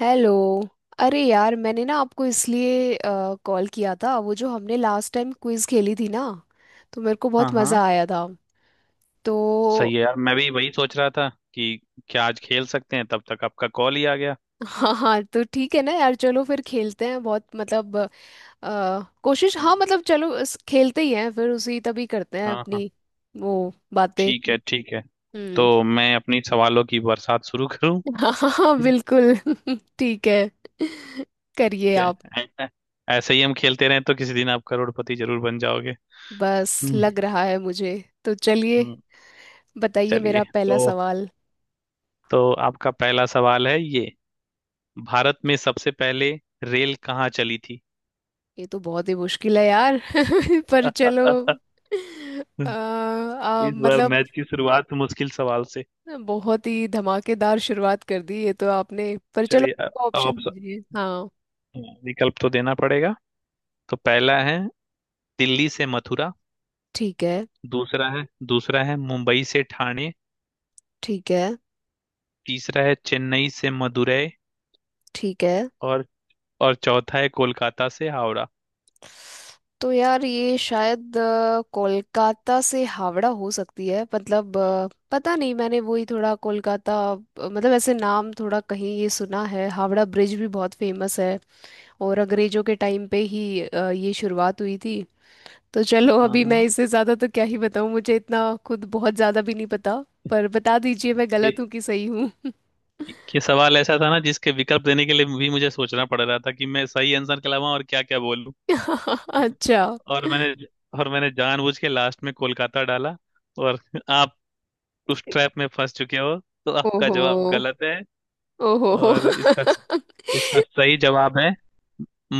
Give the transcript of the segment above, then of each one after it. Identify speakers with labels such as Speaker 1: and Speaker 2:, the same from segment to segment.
Speaker 1: Hello. अरे यार मैंने ना आपको इसलिए कॉल किया था, वो जो हमने लास्ट टाइम क्विज खेली थी ना, तो मेरे को
Speaker 2: हाँ
Speaker 1: बहुत
Speaker 2: हाँ।
Speaker 1: मज़ा आया था। तो
Speaker 2: सही है यार, मैं भी वही सोच रहा था कि क्या आज खेल सकते हैं, तब तक आपका कॉल ही आ गया।
Speaker 1: हाँ हाँ, तो ठीक है ना यार, चलो फिर खेलते हैं। बहुत मतलब कोशिश हाँ मतलब, चलो खेलते ही हैं फिर, उसी तभी करते हैं
Speaker 2: हाँ हाँ,
Speaker 1: अपनी वो बातें।
Speaker 2: ठीक है, ठीक है। तो
Speaker 1: हम्म।
Speaker 2: मैं अपनी सवालों की बरसात शुरू करूं?
Speaker 1: हाँ हाँ हाँ,
Speaker 2: ठीक
Speaker 1: बिल्कुल। ठीक है, करिए
Speaker 2: है।
Speaker 1: आप।
Speaker 2: ऐ- ऐ- ऐसे ही हम खेलते रहें तो किसी दिन आप करोड़पति जरूर बन जाओगे।
Speaker 1: बस
Speaker 2: हम्म।
Speaker 1: लग रहा है मुझे। तो चलिए,
Speaker 2: हम्म,
Speaker 1: बताइए
Speaker 2: चलिए।
Speaker 1: मेरा
Speaker 2: तो
Speaker 1: पहला सवाल।
Speaker 2: तो आपका पहला सवाल है ये, भारत में सबसे पहले रेल कहाँ चली थी?
Speaker 1: ये तो बहुत ही मुश्किल है यार, पर चलो। आ, आ,
Speaker 2: इस बार
Speaker 1: मतलब
Speaker 2: मैच की शुरुआत मुश्किल सवाल से।
Speaker 1: बहुत ही धमाकेदार शुरुआत कर दी ये तो आपने, पर
Speaker 2: चलिए,
Speaker 1: चलो,
Speaker 2: अब
Speaker 1: ऑप्शन
Speaker 2: आप स-
Speaker 1: दीजिए हाँ।
Speaker 2: विकल्प तो देना पड़ेगा। तो पहला है दिल्ली से मथुरा।
Speaker 1: ठीक है।
Speaker 2: दूसरा है दूसरा है मुंबई से ठाणे।
Speaker 1: ठीक है।
Speaker 2: तीसरा है चेन्नई से मदुरई।
Speaker 1: ठीक है।
Speaker 2: और और चौथा है कोलकाता से हावड़ा।
Speaker 1: तो यार ये शायद कोलकाता से हावड़ा हो सकती है। मतलब पता नहीं, मैंने वही थोड़ा कोलकाता मतलब ऐसे नाम थोड़ा कहीं ये सुना है। हावड़ा ब्रिज भी बहुत फेमस है, और अंग्रेजों के टाइम पे ही ये शुरुआत हुई थी। तो चलो, अभी मैं
Speaker 2: हाँ,
Speaker 1: इससे ज़्यादा तो क्या ही बताऊँ, मुझे इतना खुद बहुत ज़्यादा भी नहीं पता। पर बता दीजिए मैं
Speaker 2: ये
Speaker 1: गलत हूँ कि सही हूँ?
Speaker 2: ये सवाल ऐसा था ना जिसके विकल्प देने के लिए भी मुझे सोचना पड़ रहा था कि मैं सही आंसर के अलावा और क्या क्या बोलूं।
Speaker 1: अच्छा।
Speaker 2: और मैंने और मैंने जानबूझ के लास्ट में कोलकाता डाला, और आप उस ट्रैप में फंस चुके हो, तो आपका
Speaker 1: ओहो।
Speaker 2: जवाब गलत है।
Speaker 1: ओहो हो।
Speaker 2: और इसका इसका सही जवाब है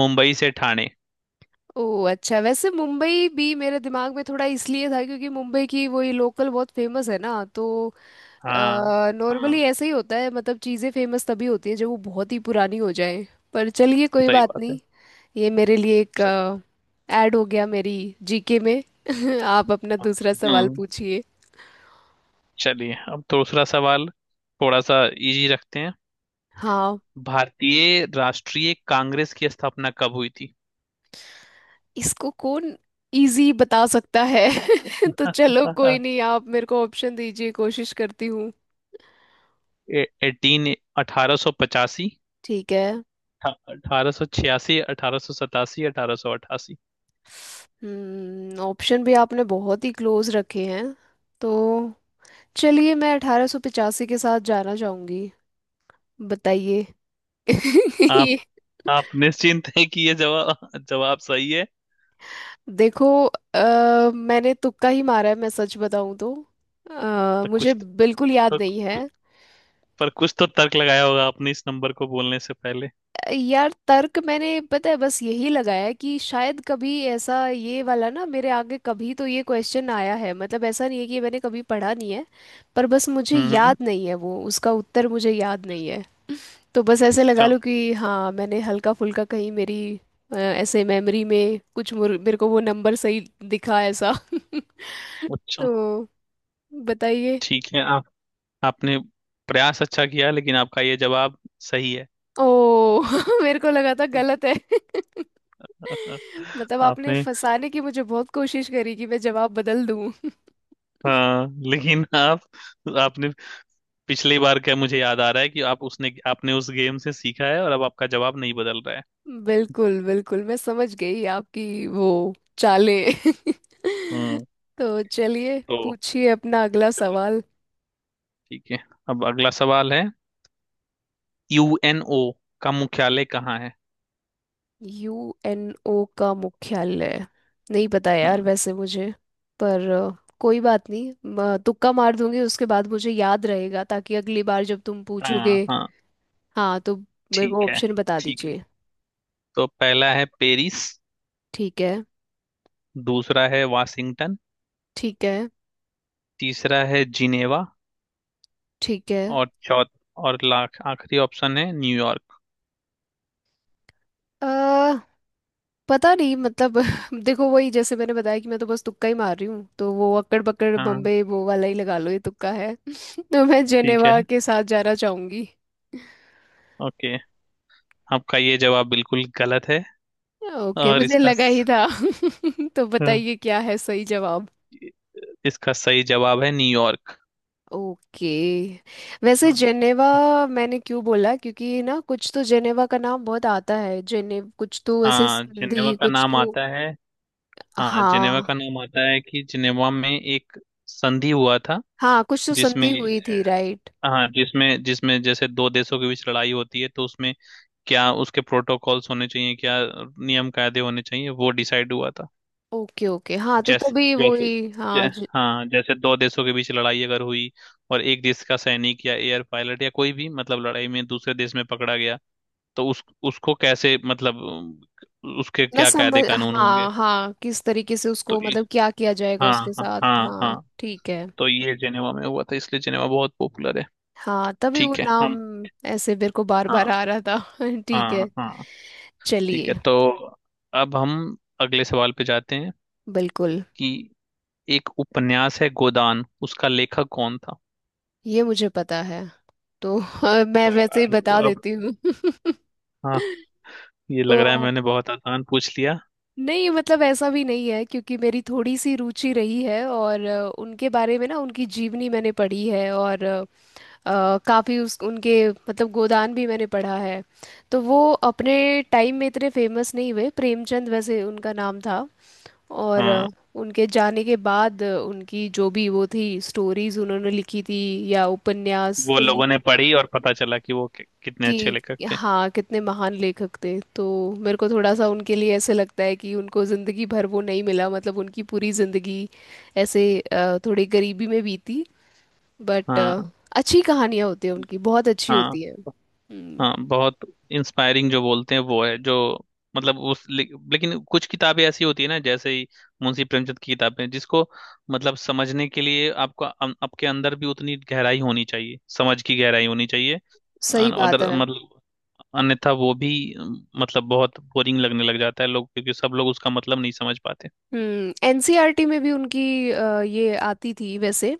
Speaker 2: मुंबई से ठाणे।
Speaker 1: ओ अच्छा, वैसे मुंबई भी मेरे दिमाग में थोड़ा इसलिए था क्योंकि मुंबई की वही लोकल बहुत फेमस है ना। तो
Speaker 2: हाँ
Speaker 1: नॉर्मली
Speaker 2: हाँ,
Speaker 1: ऐसे ही होता है, मतलब चीज़ें फेमस तभी होती हैं जब वो बहुत ही पुरानी हो जाए। पर चलिए कोई
Speaker 2: सही
Speaker 1: बात
Speaker 2: बात है।
Speaker 1: नहीं। ये मेरे लिए एक
Speaker 2: सही।
Speaker 1: ऐड हो गया मेरी जीके में। आप अपना दूसरा सवाल
Speaker 2: हम्म
Speaker 1: पूछिए।
Speaker 2: चलिए, अब तो दूसरा सवाल थोड़ा सा इजी रखते हैं।
Speaker 1: हाँ।
Speaker 2: भारतीय राष्ट्रीय कांग्रेस की स्थापना कब हुई थी?
Speaker 1: इसको कौन इजी बता सकता है? तो चलो कोई नहीं, आप मेरे को ऑप्शन दीजिए, कोशिश करती हूँ।
Speaker 2: एटीन 1885,
Speaker 1: ठीक है।
Speaker 2: 1886, 1887, 1888।
Speaker 1: हम्म। ऑप्शन भी आपने बहुत ही क्लोज रखे हैं। तो चलिए मैं 1885 के साथ जाना चाहूंगी। बताइए।
Speaker 2: आप
Speaker 1: ये।
Speaker 2: आप निश्चिंत हैं कि ये जवाब जवाब सही है?
Speaker 1: देखो मैंने तुक्का ही मारा है, मैं सच बताऊं तो।
Speaker 2: तो
Speaker 1: मुझे
Speaker 2: कुछ
Speaker 1: बिल्कुल याद
Speaker 2: तो
Speaker 1: नहीं है।
Speaker 2: कु- पर कुछ तो तर्क लगाया होगा आपने इस नंबर को बोलने से पहले।
Speaker 1: यार तर्क मैंने पता है, बस यही लगाया कि शायद कभी ऐसा, ये वाला ना, मेरे आगे कभी तो ये क्वेश्चन आया है। मतलब ऐसा नहीं है कि मैंने कभी पढ़ा नहीं है, पर बस मुझे
Speaker 2: हम्म
Speaker 1: याद
Speaker 2: हम्म,
Speaker 1: नहीं है वो, उसका उत्तर मुझे याद नहीं है। तो बस ऐसे लगा
Speaker 2: अच्छा।
Speaker 1: लो कि हाँ, मैंने हल्का फुल्का कहीं मेरी ऐसे मेमोरी में कुछ मेरे को वो नंबर सही दिखा, ऐसा।
Speaker 2: अच्छा,
Speaker 1: तो बताइए।
Speaker 2: ठीक है। आप आपने प्रयास अच्छा किया, लेकिन आपका ये जवाब सही है।
Speaker 1: ओ, मेरे को लगा था गलत है। मतलब आपने
Speaker 2: आपने?
Speaker 1: फंसाने की मुझे बहुत कोशिश करी कि मैं जवाब बदल दूं।
Speaker 2: हाँ, लेकिन आप आपने पिछली बार, क्या मुझे याद आ रहा है कि आप उसने आपने उस गेम से सीखा है और अब आपका जवाब नहीं बदल रहा है।
Speaker 1: बिल्कुल बिल्कुल, मैं समझ गई आपकी वो चालें।
Speaker 2: हम्म
Speaker 1: तो चलिए,
Speaker 2: तो
Speaker 1: पूछिए अपना अगला सवाल।
Speaker 2: ठीक है, अब अगला सवाल है, यूएनओ का मुख्यालय कहाँ है?
Speaker 1: यूएनओ का मुख्यालय नहीं पता यार
Speaker 2: हम्म,
Speaker 1: वैसे मुझे। पर कोई बात नहीं, तुक्का मार दूंगी, उसके बाद मुझे याद रहेगा, ताकि अगली बार जब तुम पूछोगे।
Speaker 2: हाँ हाँ,
Speaker 1: हाँ, तो मेरे को
Speaker 2: ठीक है,
Speaker 1: ऑप्शन बता
Speaker 2: ठीक है।
Speaker 1: दीजिए।
Speaker 2: तो पहला है पेरिस।
Speaker 1: ठीक है।
Speaker 2: दूसरा है वाशिंगटन।
Speaker 1: ठीक है।
Speaker 2: तीसरा है जिनेवा।
Speaker 1: ठीक है।
Speaker 2: और चौथ और लाख आखिरी ऑप्शन है न्यूयॉर्क।
Speaker 1: अ पता नहीं मतलब, देखो वही जैसे मैंने बताया कि मैं तो बस तुक्का ही मार रही हूँ, तो वो अक्कड़ बक्कड़
Speaker 2: हाँ
Speaker 1: बम्बे वो वाला ही लगा लो, ये तुक्का है। तो मैं
Speaker 2: ठीक है।
Speaker 1: जेनेवा के साथ जाना चाहूंगी।
Speaker 2: ओके, आपका ये जवाब बिल्कुल गलत है।
Speaker 1: ओके,
Speaker 2: और
Speaker 1: मुझे
Speaker 2: इसका
Speaker 1: लगा ही
Speaker 2: स-
Speaker 1: था। तो
Speaker 2: हाँ,
Speaker 1: बताइए क्या है सही जवाब?
Speaker 2: इसका सही जवाब है न्यूयॉर्क।
Speaker 1: ओके, वैसे
Speaker 2: हाँ।
Speaker 1: जेनेवा मैंने क्यों बोला, क्योंकि ना कुछ तो जेनेवा का नाम बहुत आता है। जेने कुछ तो ऐसे
Speaker 2: हाँ, जिनेवा
Speaker 1: संधि
Speaker 2: का
Speaker 1: कुछ
Speaker 2: नाम
Speaker 1: तो।
Speaker 2: आता है। हाँ जिनेवा
Speaker 1: हाँ
Speaker 2: का नाम आता है कि जिनेवा में एक संधि हुआ था,
Speaker 1: हाँ, कुछ तो
Speaker 2: जिसमें...
Speaker 1: संधि हुई थी, राइट।
Speaker 2: हाँ, जिसमें जिसमें जैसे दो देशों के बीच लड़ाई होती है तो उसमें क्या उसके प्रोटोकॉल्स होने चाहिए, क्या नियम कायदे होने चाहिए, वो डिसाइड हुआ था।
Speaker 1: ओके ओके, हाँ तो
Speaker 2: जैसे
Speaker 1: तभी
Speaker 2: जैसे
Speaker 1: वही,
Speaker 2: जै,
Speaker 1: हाँ
Speaker 2: हाँ, जैसे दो देशों के बीच लड़ाई अगर हुई और एक देश का सैनिक या एयर पायलट या कोई भी, मतलब लड़ाई में दूसरे देश में पकड़ा गया, तो उस उसको कैसे, मतलब उसके
Speaker 1: मैं
Speaker 2: क्या
Speaker 1: समझ,
Speaker 2: कायदे कानून होंगे?
Speaker 1: हाँ हाँ, किस तरीके से
Speaker 2: तो
Speaker 1: उसको
Speaker 2: ये-
Speaker 1: मतलब क्या किया जाएगा
Speaker 2: हाँ
Speaker 1: उसके
Speaker 2: हाँ
Speaker 1: साथ,
Speaker 2: हाँ हाँ,
Speaker 1: हाँ ठीक है।
Speaker 2: तो ये जेनेवा में हुआ था इसलिए जेनेवा बहुत पॉपुलर है।
Speaker 1: हाँ तभी वो
Speaker 2: ठीक है।
Speaker 1: नाम
Speaker 2: हम
Speaker 1: ऐसे मेरे को बार बार
Speaker 2: हाँ
Speaker 1: आ रहा था। ठीक
Speaker 2: हाँ
Speaker 1: है।
Speaker 2: हाँ। ठीक है,
Speaker 1: चलिए।
Speaker 2: तो अब हम अगले सवाल पे जाते हैं
Speaker 1: बिल्कुल,
Speaker 2: कि एक उपन्यास है गोदान, उसका लेखक कौन था?
Speaker 1: ये मुझे पता है तो, मैं
Speaker 2: तो
Speaker 1: वैसे ही
Speaker 2: अब
Speaker 1: बता
Speaker 2: अब-
Speaker 1: देती हूँ।
Speaker 2: हाँ, ये लग रहा है
Speaker 1: तो
Speaker 2: मैंने बहुत आसान पूछ लिया।
Speaker 1: नहीं, मतलब ऐसा भी नहीं है, क्योंकि मेरी थोड़ी सी रुचि रही है, और उनके बारे में ना उनकी जीवनी मैंने पढ़ी है, और काफ़ी उस उनके मतलब गोदान भी मैंने पढ़ा है। तो वो अपने टाइम में इतने फेमस नहीं हुए, प्रेमचंद वैसे उनका नाम था। और
Speaker 2: हाँ,
Speaker 1: उनके जाने के बाद उनकी जो भी वो थी स्टोरीज उन्होंने लिखी थी, या उपन्यास,
Speaker 2: वो
Speaker 1: तो
Speaker 2: लोगों ने पढ़ी और पता चला कि वो कितने अच्छे
Speaker 1: कि
Speaker 2: लेखक थे।
Speaker 1: हाँ, कितने महान लेखक थे। तो मेरे को थोड़ा सा उनके लिए ऐसे लगता है कि उनको जिंदगी भर वो नहीं मिला, मतलब उनकी पूरी जिंदगी ऐसे थोड़ी गरीबी में बीती। बट
Speaker 2: हाँ
Speaker 1: अच्छी कहानियां होती है उनकी, बहुत अच्छी
Speaker 2: हाँ,
Speaker 1: होती है। हम्म।
Speaker 2: हाँ बहुत इंस्पायरिंग जो बोलते हैं वो है जो, मतलब उस ले, लेकिन कुछ किताबें ऐसी होती है ना, जैसे ही मुंशी प्रेमचंद की किताबें, जिसको मतलब समझने के लिए आपको आपके अंदर भी उतनी गहराई होनी चाहिए, समझ की गहराई होनी चाहिए।
Speaker 1: सही
Speaker 2: अन-
Speaker 1: बात
Speaker 2: अदर
Speaker 1: है।
Speaker 2: मतलब अन्यथा वो भी, मतलब बहुत बोरिंग लगने लग जाता है लोग, क्योंकि सब लोग उसका मतलब नहीं समझ पाते।
Speaker 1: हम्म। एनसीईआरटी में भी उनकी ये आती थी वैसे।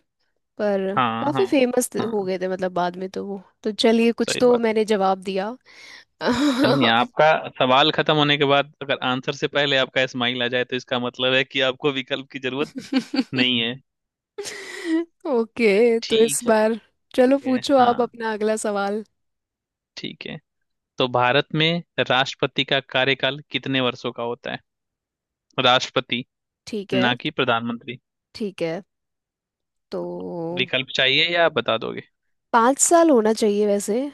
Speaker 1: पर
Speaker 2: हाँ
Speaker 1: काफी
Speaker 2: हाँ,
Speaker 1: फेमस हो
Speaker 2: हाँ
Speaker 1: गए थे, मतलब बाद में तो वो, तो चलिए कुछ
Speaker 2: सही
Speaker 1: तो
Speaker 2: बात।
Speaker 1: मैंने जवाब दिया।
Speaker 2: नहीं नहीं, आपका सवाल खत्म होने के बाद अगर आंसर से पहले आपका स्माइल आ जाए तो इसका मतलब है कि आपको विकल्प की जरूरत नहीं है।
Speaker 1: ओके तो इस
Speaker 2: ठीक
Speaker 1: बार, चलो
Speaker 2: है।
Speaker 1: पूछो
Speaker 2: हाँ
Speaker 1: आप अपना अगला सवाल।
Speaker 2: ठीक है, तो भारत में राष्ट्रपति का कार्यकाल कितने वर्षों का होता है? राष्ट्रपति,
Speaker 1: ठीक है।
Speaker 2: ना कि प्रधानमंत्री।
Speaker 1: ठीक है। तो
Speaker 2: विकल्प चाहिए या आप बता दोगे?
Speaker 1: 5 साल होना चाहिए वैसे। आ,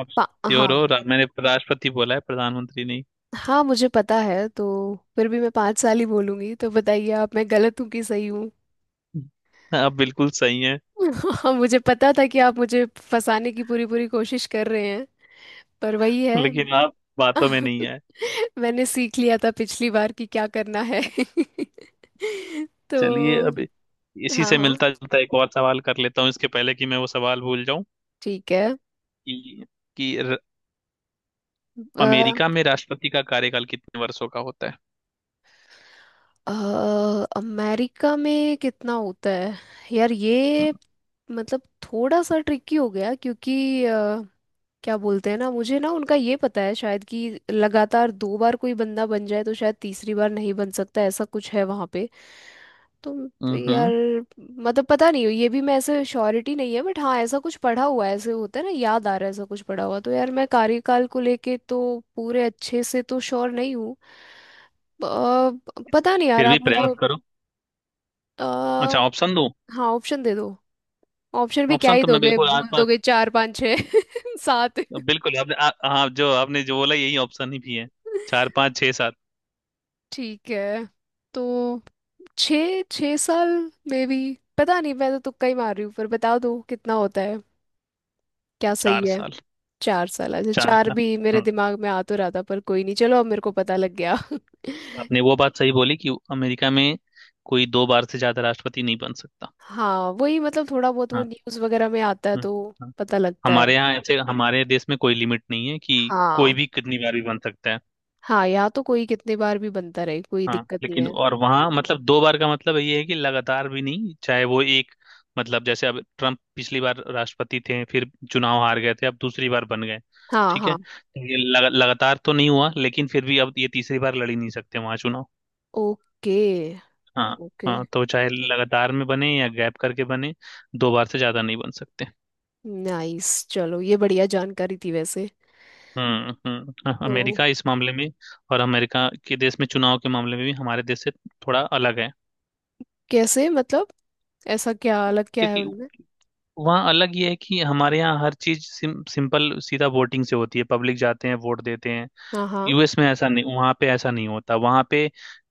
Speaker 2: आप श्योर हो
Speaker 1: हाँ
Speaker 2: रा- मैंने राष्ट्रपति बोला है, प्रधानमंत्री नहीं।
Speaker 1: हाँ मुझे पता है, तो फिर भी मैं पाँच साल ही बोलूंगी। तो बताइए आप, मैं गलत हूँ कि सही हूँ?
Speaker 2: आप बिल्कुल सही हैं,
Speaker 1: मुझे पता था कि आप मुझे फंसाने की पूरी पूरी कोशिश कर रहे हैं। पर वही है,
Speaker 2: लेकिन आप बातों में नहीं आए।
Speaker 1: मैंने सीख लिया था पिछली बार कि क्या करना है। तो
Speaker 2: चलिए, अब इसी
Speaker 1: हाँ
Speaker 2: से
Speaker 1: हाँ,
Speaker 2: मिलता जुलता एक और सवाल कर लेता हूँ, इसके पहले कि मैं वो सवाल भूल जाऊं।
Speaker 1: ठीक है।
Speaker 2: कि कि र-
Speaker 1: अ,
Speaker 2: अमेरिका में राष्ट्रपति का कार्यकाल कितने वर्षों का होता है?
Speaker 1: अमेरिका में कितना होता है यार ये? मतलब थोड़ा सा ट्रिकी हो गया, क्योंकि क्या बोलते हैं ना, मुझे ना उनका ये पता है शायद कि लगातार दो बार कोई बंदा बन जाए तो शायद तीसरी बार नहीं बन सकता, ऐसा कुछ है वहां पे। तो
Speaker 2: हम्म
Speaker 1: यार
Speaker 2: हम्म,
Speaker 1: मतलब पता नहीं, ये भी मैं ऐसे श्योरिटी नहीं है, बट हाँ ऐसा कुछ पढ़ा हुआ है, ऐसे होता है ना, याद आ रहा है ऐसा कुछ पढ़ा हुआ। तो यार मैं कार्यकाल को लेके तो पूरे अच्छे से तो श्योर नहीं हूँ। अ, पता नहीं यार,
Speaker 2: फिर भी
Speaker 1: आप मुझे
Speaker 2: प्रयास करो।
Speaker 1: अ,
Speaker 2: अच्छा, ऑप्शन दूं?
Speaker 1: हाँ ऑप्शन दे दो। ऑप्शन भी क्या
Speaker 2: ऑप्शन
Speaker 1: ही
Speaker 2: तो मैं
Speaker 1: दोगे,
Speaker 2: बिल्कुल
Speaker 1: बोल
Speaker 2: आसपास,
Speaker 1: दोगे चार पाँच छः, सात।
Speaker 2: हाँ, जो आपने जो बोला यही ऑप्शन ही भी है। चार पाँच छः सात।
Speaker 1: ठीक है, तो छः छः साल में भी पता नहीं, मैं तो तुक्का ही मार रही हूँ। पर बता दो कितना होता है, क्या
Speaker 2: चार
Speaker 1: सही है?
Speaker 2: साल
Speaker 1: 4 साल, अच्छा।
Speaker 2: चार
Speaker 1: चार
Speaker 2: साल
Speaker 1: भी मेरे
Speaker 2: हम्म,
Speaker 1: दिमाग में आ तो रहा था, पर कोई नहीं, चलो अब मेरे को पता लग गया।
Speaker 2: आपने वो बात सही बोली कि अमेरिका में कोई दो बार से ज्यादा राष्ट्रपति नहीं बन सकता।
Speaker 1: हाँ वही, मतलब थोड़ा बहुत वो
Speaker 2: हाँ।
Speaker 1: न्यूज़ वगैरह में आता है
Speaker 2: हम्म,
Speaker 1: तो
Speaker 2: हाँ।
Speaker 1: पता लगता है।
Speaker 2: हमारे यहाँ ऐसे, हमारे देश में कोई लिमिट नहीं है कि कोई
Speaker 1: हाँ
Speaker 2: भी कितनी बार भी बन सकता है।
Speaker 1: हाँ, यहाँ तो कोई कितने बार भी बनता रहे कोई
Speaker 2: हाँ
Speaker 1: दिक्कत नहीं
Speaker 2: लेकिन,
Speaker 1: है।
Speaker 2: और वहाँ मतलब दो बार का मतलब ये है कि लगातार भी नहीं, चाहे वो एक, मतलब जैसे अब ट्रम्प पिछली बार राष्ट्रपति थे, फिर चुनाव हार गए थे, अब दूसरी बार बन गए।
Speaker 1: हाँ
Speaker 2: ठीक है,
Speaker 1: हाँ।
Speaker 2: तो ये लगातार तो नहीं हुआ, लेकिन फिर भी अब ये तीसरी बार लड़ ही नहीं सकते वहाँ चुनाव।
Speaker 1: ओके
Speaker 2: हाँ
Speaker 1: ओके।
Speaker 2: हाँ, तो चाहे लगातार में बने या गैप करके बने, दो बार से ज्यादा नहीं बन सकते।
Speaker 1: नाइस, चलो ये बढ़िया जानकारी थी वैसे।
Speaker 2: हाँ,
Speaker 1: तो
Speaker 2: अमेरिका इस मामले में, और अमेरिका के देश में चुनाव के मामले में भी हमारे देश से थोड़ा अलग है।
Speaker 1: कैसे मतलब, ऐसा क्या अलग क्या है
Speaker 2: क्योंकि
Speaker 1: उनमें?
Speaker 2: वहाँ अलग ये है कि हमारे यहाँ हर चीज सिंपल सीधा वोटिंग से होती है, पब्लिक जाते हैं वोट देते हैं।
Speaker 1: हाँ हाँ
Speaker 2: यूएस में ऐसा नहीं, वहाँ पे ऐसा नहीं होता। वहाँ पे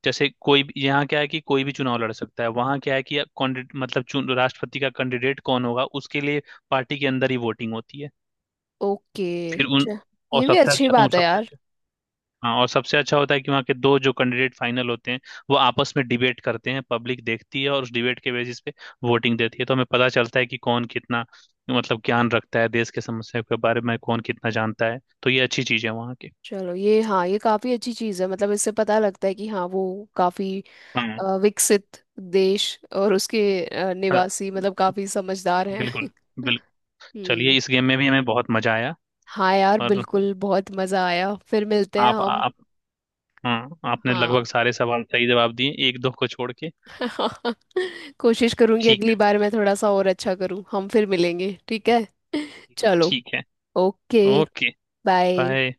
Speaker 2: जैसे, कोई भी यहाँ क्या है कि कोई भी चुनाव लड़ सकता है, वहाँ क्या है कि कैंडिडेट, मतलब चुन, राष्ट्रपति का कैंडिडेट कौन होगा उसके लिए पार्टी के अंदर ही वोटिंग होती है।
Speaker 1: ओके
Speaker 2: फिर उन
Speaker 1: अच्छा,
Speaker 2: और
Speaker 1: ये भी
Speaker 2: सबसे
Speaker 1: अच्छी
Speaker 2: अच्छा, उन
Speaker 1: बात है
Speaker 2: सबसे
Speaker 1: यार।
Speaker 2: हाँ, और सबसे अच्छा होता है कि वहाँ के दो जो कैंडिडेट फाइनल होते हैं, वो आपस में डिबेट करते हैं, पब्लिक देखती है और उस डिबेट के बेसिस पे वोटिंग देती है, तो हमें पता चलता है कि कौन कितना मतलब ज्ञान रखता है देश के समस्या के बारे में, कौन कितना जानता है, तो ये अच्छी चीज़ है वहाँ की।
Speaker 1: चलो ये हाँ, ये काफी अच्छी चीज है, मतलब इससे पता लगता है कि हाँ वो काफी
Speaker 2: हाँ
Speaker 1: विकसित देश और उसके
Speaker 2: हाँ,
Speaker 1: निवासी मतलब काफी समझदार हैं।
Speaker 2: बिल्कुल, बिल्कुल।
Speaker 1: हम्म।
Speaker 2: चलिए, इस गेम में भी हमें बहुत मजा आया।
Speaker 1: हाँ यार
Speaker 2: और
Speaker 1: बिल्कुल, बहुत मजा आया, फिर मिलते हैं
Speaker 2: आप
Speaker 1: हम।
Speaker 2: आप हाँ, आपने लगभग
Speaker 1: हाँ,
Speaker 2: सारे सवाल सही जवाब दिए, एक दो को छोड़ के।
Speaker 1: कोशिश करूंगी
Speaker 2: ठीक
Speaker 1: अगली
Speaker 2: है।
Speaker 1: बार मैं थोड़ा सा और अच्छा करूँ, हम फिर मिलेंगे ठीक है। चलो।
Speaker 2: ठीक है,
Speaker 1: ओके।
Speaker 2: ओके।
Speaker 1: बाय।
Speaker 2: बाय।